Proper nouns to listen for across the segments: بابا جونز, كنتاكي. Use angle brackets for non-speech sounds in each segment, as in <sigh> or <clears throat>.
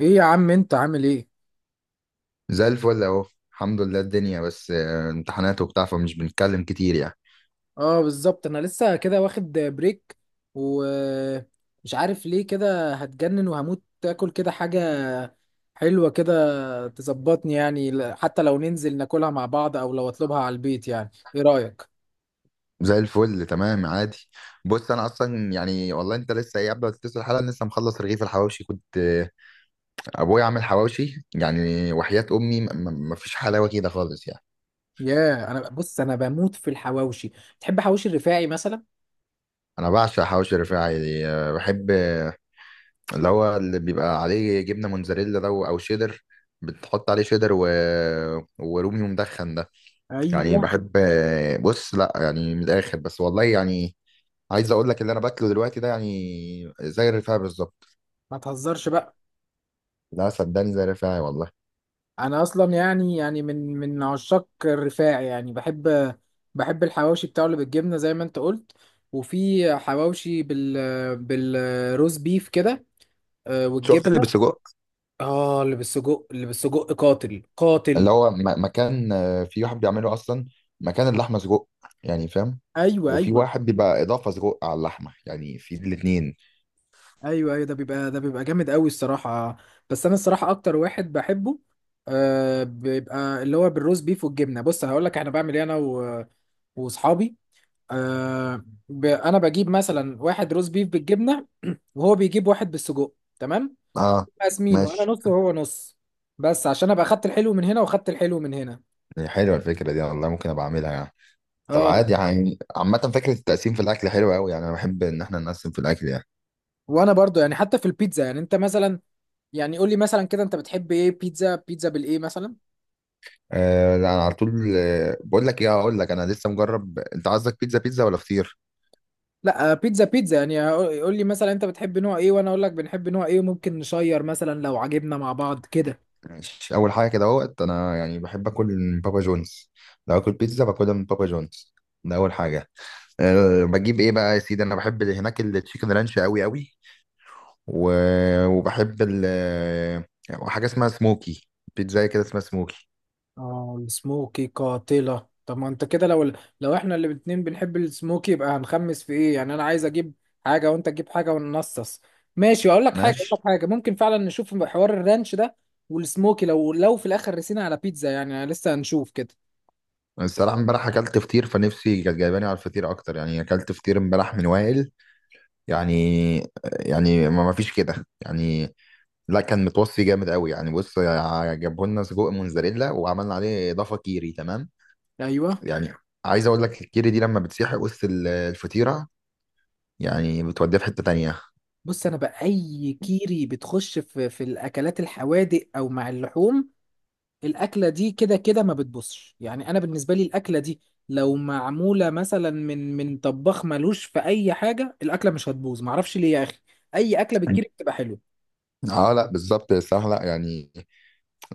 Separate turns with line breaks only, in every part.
ايه يا عم، انت عامل ايه؟
زي الفل اهو. الحمد لله الدنيا بس امتحانات وبتاع، فمش بنتكلم كتير يعني.
اه، بالظبط انا لسه كده واخد بريك. ومش عارف ليه كده، هتجنن وهموت اكل كده حاجة حلوة كده تظبطني. يعني حتى لو ننزل ناكلها مع بعض او لو اطلبها على البيت، يعني ايه رأيك؟
زي الفل تمام عادي. بص انا اصلا يعني والله، انت لسه ايه قبل ما تتصل الحلقه لسه مخلص رغيف الحواوشي، كنت ابويا عامل حواوشي يعني، وحياة امي مفيش حلاوه كده خالص يعني.
ياه، انا بص انا بموت في الحواوشي. تحب حواوشي الرفاعي مثلا؟
انا بعشق حواوشي الرفاعي بحب اللي هو اللي بيبقى عليه جبنه موتزاريلا ده او شيدر. بتحط عليه شيدر ورومي مدخن ده. يعني
ايوه.
بحب بص لا يعني من الاخر، بس والله يعني عايز اقول لك اللي انا باكله دلوقتي ده يعني زي الرفاعي بالظبط.
ما تهزرش بقى.
لا صدقني زي الرفاعي والله.
انا اصلا يعني من عشاق الرفاع، يعني بحب الحواوشي بتاعه اللي بالجبنه زي ما انت قلت. وفي حواوشي بالروز بيف كده،
شفت اللي
والجبنه.
بالسجق؟
اه، اللي بالسجق، اللي بالسجق قاتل قاتل.
اللي هو مكان في واحد بيعمله اصلا مكان اللحمه سجق، يعني فاهم.
ايوه،
وفي
ايوه،
واحد بيبقى اضافه سجق على اللحمه يعني في الاثنين.
ايوه، ايوه، ده بيبقى جامد قوي الصراحه. بس انا الصراحه اكتر واحد بحبه، بيبقى اللي هو بالروز بيف والجبنه. بص هقول لك انا بعمل ايه. انا و- واصحابي. آه انا بجيب مثلا واحد روز بيف بالجبنه <clears throat> وهو بيجيب واحد بالسجق. تمام.
اه
قاسمين، وانا
ماشي.
نص وهو نص. بس عشان ابقى اخدت الحلو من هنا واخدت الحلو من هنا.
حلوه الفكره دي والله، ممكن ابقى اعملها يعني. طب
اه.
عادي يعني، عامه فكره التقسيم في الاكل حلوه قوي يعني، انا بحب ان احنا نقسم في الاكل يعني.
وانا برضو، يعني حتى في البيتزا، يعني انت مثلا، يعني قول لي مثلا كده، انت بتحب ايه؟ بيتزا بالايه مثلا؟
آه لا انا على طول بقول لك ايه، هقول لك انا لسه مجرب، انت عايزك بيتزا بيتزا ولا فطير؟
لا، بيتزا بيتزا يعني. قول لي مثلا انت بتحب نوع ايه وانا اقول لك بنحب نوع ايه، وممكن نشير مثلا لو عجبنا مع بعض كده.
ماشي، اول حاجه كده اهوت، انا يعني بحب اكل من بابا جونز، لو اكل بيتزا باكلها من بابا جونز، ده اول حاجه. أه بجيب ايه بقى يا سيدي، انا بحب اللي هناك التشيكن رانش قوي قوي و... وبحب حاجه اسمها سموكي، بيتزا كده اسمها سموكي.
اه، السموكي قاتلة. طب ما انت كده، لو احنا اللي الاتنين بنحب السموكي يبقى هنخمس في ايه؟ يعني انا عايز اجيب حاجة وانت تجيب حاجة وننصص. ماشي، اقول لك حاجة اقول لك
ماشي.
حاجة ممكن فعلا نشوف حوار الرانش ده. والسموكي، لو في الاخر رسينا على بيتزا، يعني لسه هنشوف كده.
الصراحه امبارح اكلت فطير، فنفسي كانت جايباني على الفطير اكتر يعني، اكلت فطير امبارح من وائل يعني يعني ما فيش كده يعني. لا كان متوصي جامد قوي يعني، بص جابوا لنا سجق موزاريلا وعملنا عليه اضافه كيري تمام
ايوه.
يعني. عايز اقول لك الكيري دي لما بتسيح وسط الفطيره، يعني بتوديها في حته تانية.
بص انا بقى اي كيري بتخش في الاكلات الحوادق او مع اللحوم. الاكله دي كده كده ما بتبصش. يعني انا بالنسبه لي الاكله دي لو معموله مثلا من طباخ ملوش في اي حاجه، الاكله مش هتبوظ، معرفش ليه يا اخي. اي اكله بتكيري بتبقى حلوه.
اه لا بالظبط الصراحه لا يعني.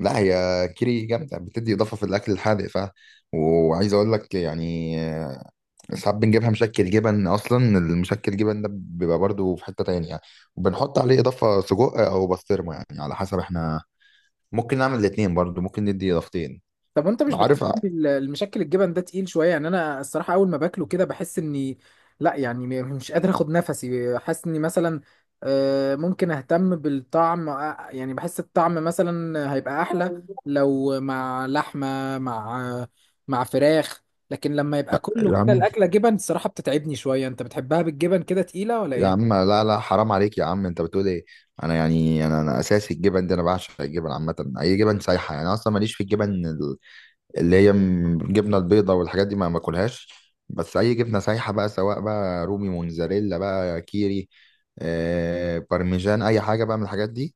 لا هي كيري جامده بتدي اضافه في الاكل الحادق ف، وعايز اقول لك يعني ساعات بنجيبها مشكل جبن اصلا، المشكل جبن ده بيبقى برضو في حته تانية يعني، وبنحط عليه اضافه سجق او بسطرمه يعني على حسب احنا، ممكن نعمل الاتنين برضو ممكن ندي اضافتين.
طب وانت مش بتحس
عارف
ان المشكل الجبن ده تقيل شويه؟ يعني انا الصراحه اول ما باكله كده بحس اني، لا يعني مش قادر اخد نفسي، حاسس اني مثلا، ممكن اهتم بالطعم، يعني بحس الطعم مثلا هيبقى احلى لو مع لحمه مع فراخ. لكن لما يبقى كله
يا
كده
عم،
الاكله جبن الصراحه بتتعبني شويه. انت بتحبها بالجبن كده تقيله ولا
يا عم،
ايه؟
لا لا حرام عليك يا عم، انت بتقول ايه؟ انا يعني انا اساسي الجبن دي، انا بعشق الجبن عامه، اي جبن سايحه يعني. انا اصلا ماليش في الجبن اللي هي الجبنه البيضاء والحاجات دي ما باكلهاش. بس اي جبنه سايحه بقى، سواء بقى رومي موزاريلا بقى كيري بارميجان، اي حاجه بقى من الحاجات دي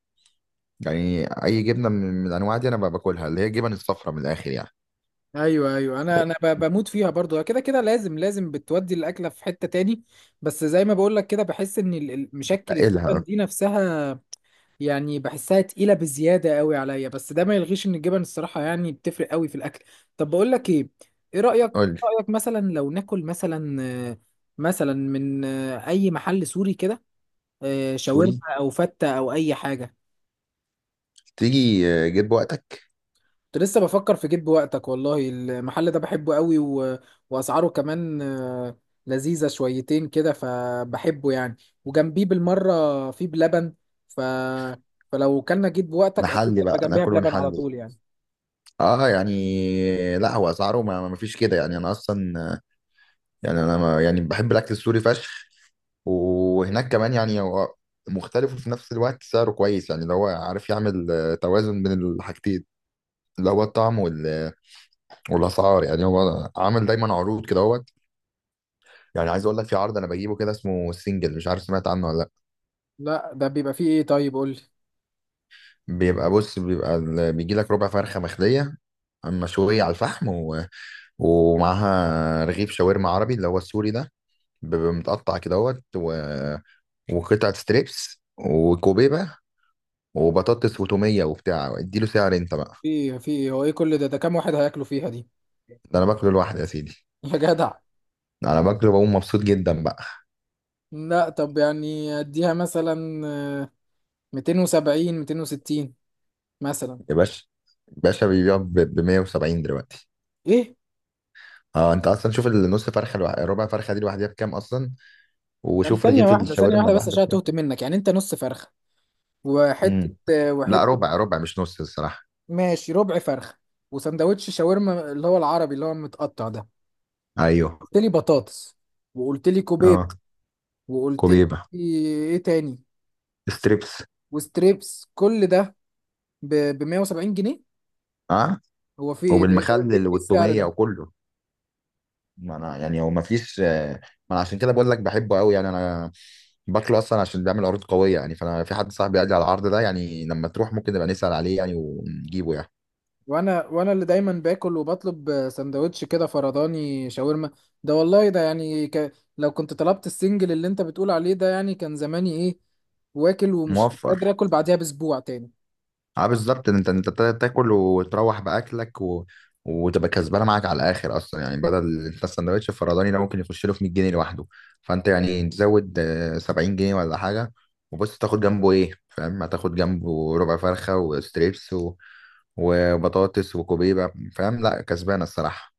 يعني. اي جبنه من الانواع دي انا بقى باكلها، اللي هي الجبن الصفراء من الاخر يعني.
ايوه، ايوه، انا بموت فيها برضو. كده كده لازم لازم بتودي الاكله في حته تاني. بس زي ما بقول لك كده، بحس ان مشكل الجبن
بتقلها.
دي نفسها يعني، بحسها تقيله بزياده قوي عليا. بس ده ما يلغيش ان الجبن الصراحه يعني بتفرق قوي في الاكل. طب بقول لك ايه. ايه رايك إيه؟
قول لي.
رايك مثلا لو ناكل مثلا، مثلا من، اي محل سوري كده،
سوري؟
شاورما او فته او اي حاجه.
تيجي جيب وقتك.
كنت لسه بفكر في جيب وقتك، والله المحل ده بحبه قوي واسعاره كمان، لذيذة شويتين كده فبحبه يعني. وجنبيه بالمرة في بلبن، ف... فلو كلنا جيب وقتك اكيد
نحلي
يبقى
بقى،
جنبها
ناكل
بلبن على
ونحلي.
طول يعني.
اه يعني لا هو اسعاره ما فيش كده يعني، انا اصلا يعني، انا ما يعني بحب الاكل السوري فشخ، وهناك كمان يعني هو مختلف، وفي نفس الوقت سعره كويس يعني اللي هو عارف يعمل توازن بين الحاجتين، اللي هو الطعم والاسعار يعني. هو عامل دايما عروض كده اهوت، يعني عايز اقول لك في عرض انا بجيبه كده اسمه سنجل، مش عارف سمعت عنه ولا لا.
لا، ده بيبقى فيه ايه؟ طيب قول لي.
بص، بيبقى بيجي لك ربع فرخه مخليه مشويه على الفحم ومعاها رغيف شاورما عربي اللي هو السوري ده، بيبقى متقطع كدهوت وقطعة ستريبس وكوبيبة وبطاطس وتومية وبتاع، اديله سعر انت بقى.
فيه إيه؟ هو ايه كل ده كام واحد هياكلوا فيها دي؟
ده انا باكله لوحدي يا سيدي.
<laughs> يا جدع.
ده انا باكله بقوم مبسوط جدا بقى.
لا طب يعني اديها مثلا، 270 260 مثلا،
يا باشا، باشا بيبيع ب 170 دلوقتي.
ايه؟
اه انت اصلا شوف النص فرخه ربع فرخه دي لوحدها بكام اصلا،
يعني
وشوف
ثانية
رغيف
واحدة، ثانية
الشاورما
واحدة بس
لوحده
عشان
بكام.
تهت منك. يعني انت نص فرخة وحته
امم. لا
وحته
ربع ربع مش نص الصراحه.
ماشي، ربع فرخه وسندوتش شاورما اللي هو العربي اللي هو المتقطع ده.
ايوه.
قلت لي بطاطس، وقلت لي كوبيب،
اه.
وقلت لي
كوبيبه.
ايه تاني؟
ستريبس.
وستريبس، كل ده ب 170 جنيه؟
اه
هو في ايه ده؟ ايه ده؟
وبالمخلل
إيه السعر
والتوميه
ده؟
وكله. ما انا يعني، هو ما فيش ما، انا عشان كده بقول لك بحبه قوي، يعني انا باكله اصلا عشان بيعمل عروض قويه يعني، فانا في حد صاحبي قال لي على العرض ده يعني، لما تروح ممكن نبقى نسال عليه يعني ونجيبه يعني.
وانا اللي دايما باكل وبطلب سندوتش كده فرداني شاورما، ده والله ده يعني لو كنت طلبت السنجل اللي انت بتقول عليه ده يعني كان زماني ايه، واكل ومش مش
موفر.
قادر اكل بعديها باسبوع تاني.
اه بالظبط، انت تاكل وتروح باكلك وتبقى كسبانه معاك على الاخر اصلا يعني. بدل انت السندوتش الفرداني ده ممكن يخش له في 100 جنيه لوحده، فانت يعني تزود 70 جنيه ولا حاجه. وبص تاخد جنبه ايه فاهم؟ هتاخد جنبه ربع فرخه وستريبس وبطاطس وكوبيبه فاهم؟ لا كسبانه الصراحه.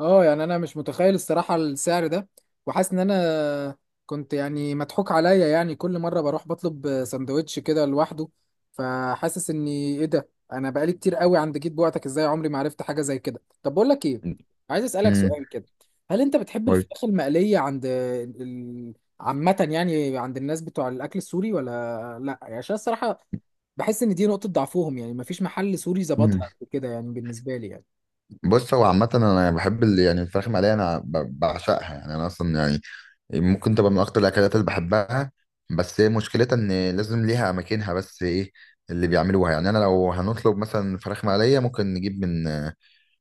اه، يعني انا مش متخيل الصراحه السعر ده، وحاسس ان انا كنت يعني مضحوك عليا. يعني كل مره بروح بطلب سندوتش كده لوحده، فحاسس اني ايه ده، انا بقالي كتير قوي عند جيت بوعتك ازاي عمري ما عرفت حاجه زي كده. طب بقول لك ايه، عايز اسالك
امم.
سؤال كده. هل انت بتحب الفراخ المقليه عند عامه يعني عند الناس بتوع الاكل السوري ولا؟ لا يعني، عشان الصراحه بحس ان دي نقطه ضعفهم. يعني مفيش محل سوري ظبطها كده يعني بالنسبه لي يعني.
بص هو عامة أنا بحب اللي يعني الفراخ المقلية، أنا بعشقها يعني، أنا أصلا يعني ممكن تبقى من اكتر الاكلات اللي بحبها. بس هي مشكلتها ان لازم ليها اماكنها، بس ايه اللي بيعملوها؟ يعني انا لو هنطلب مثلا فراخ مقليه ممكن نجيب من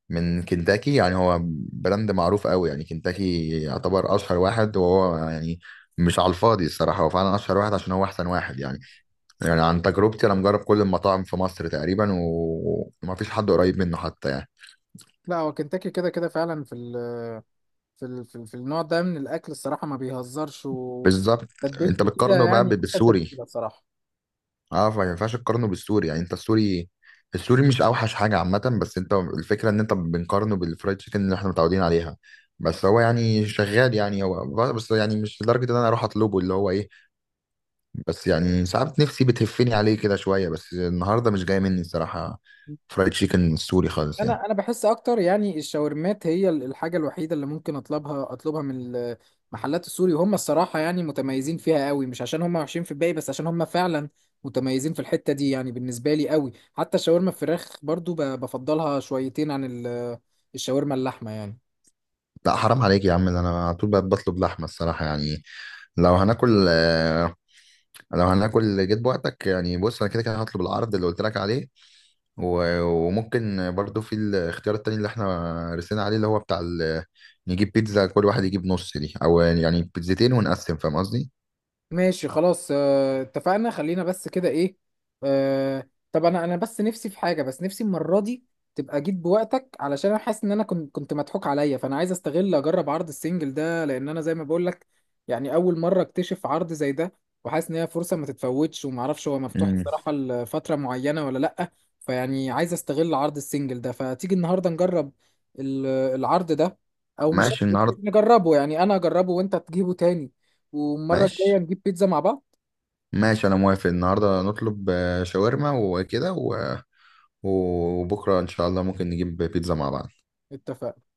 كنتاكي يعني، هو براند معروف قوي يعني، كنتاكي يعتبر اشهر واحد، وهو يعني مش على الفاضي الصراحه، هو فعلا اشهر واحد عشان هو احسن واحد يعني عن تجربتي انا مجرب كل المطاعم في مصر تقريبا ومفيش حد قريب منه حتى يعني.
لا، هو كنتاكي كده كده فعلا في في النوع ده من الاكل الصراحه ما بيهزرش،
بالظبط. انت
وتتبيلته كده
بتقارنه بقى
يعني احسن
بالسوري.
تتبيله صراحه.
اه فما ينفعش تقارنه بالسوري يعني، انت السوري، السوري مش اوحش حاجه عامه، بس انت الفكره ان انت بنقارنه بالفرايد تشيكن اللي احنا متعودين عليها. بس هو يعني شغال يعني، هو بس يعني مش لدرجه ان انا اروح اطلبه، اللي هو ايه، بس يعني ساعات نفسي بتهفني عليه كده شويه، بس النهارده مش جاي مني الصراحه فرايد تشيكن السوري خالص يعني.
انا بحس اكتر يعني الشاورمات هي الحاجه الوحيده اللي ممكن اطلبها من المحلات السوري. هم الصراحه يعني متميزين فيها قوي، مش عشان هم وحشين في الباقي، بس عشان هم فعلا متميزين في الحته دي يعني بالنسبه لي قوي. حتى شاورما الفراخ برضو بفضلها شويتين عن الشاورما اللحمه يعني.
لا حرام عليك يا عم، ده انا على طول بقى بطلب لحمه الصراحه يعني. لو هناكل آه، لو هناكل جيت بوقتك يعني، بص انا كده كده هطلب العرض اللي قلت لك عليه، وممكن برضو في الاختيار التاني اللي احنا رسينا عليه، اللي هو بتاع نجيب بيتزا كل واحد يجيب نص دي، او يعني بيتزتين ونقسم، فاهم قصدي؟
ماشي خلاص، اتفقنا. خلينا بس كده ايه، طب انا بس نفسي في حاجه، بس نفسي المره دي تبقى جيت بوقتك، علشان انا حاسس ان انا كنت مضحوك عليا. فانا عايز استغل، اجرب عرض السنجل ده، لان انا زي ما بقول لك يعني اول مره اكتشف عرض زي ده. وحاسس ان هي فرصه ما تتفوتش، وما اعرفش هو مفتوح
امم.
الصراحه لفتره معينه ولا لا. فيعني عايز استغل عرض السنجل ده، فتيجي النهارده نجرب العرض ده، او مش
ماشي
مش
النهارده.
نجربه يعني، انا اجربه وانت تجيبه تاني، والمرة الجاية
ماشي
نجيب بيتزا مع بعض.
ماشي انا موافق، النهارده نطلب شاورما وكده، وبكره ان شاء الله ممكن نجيب بيتزا مع بعض.
اتفقنا.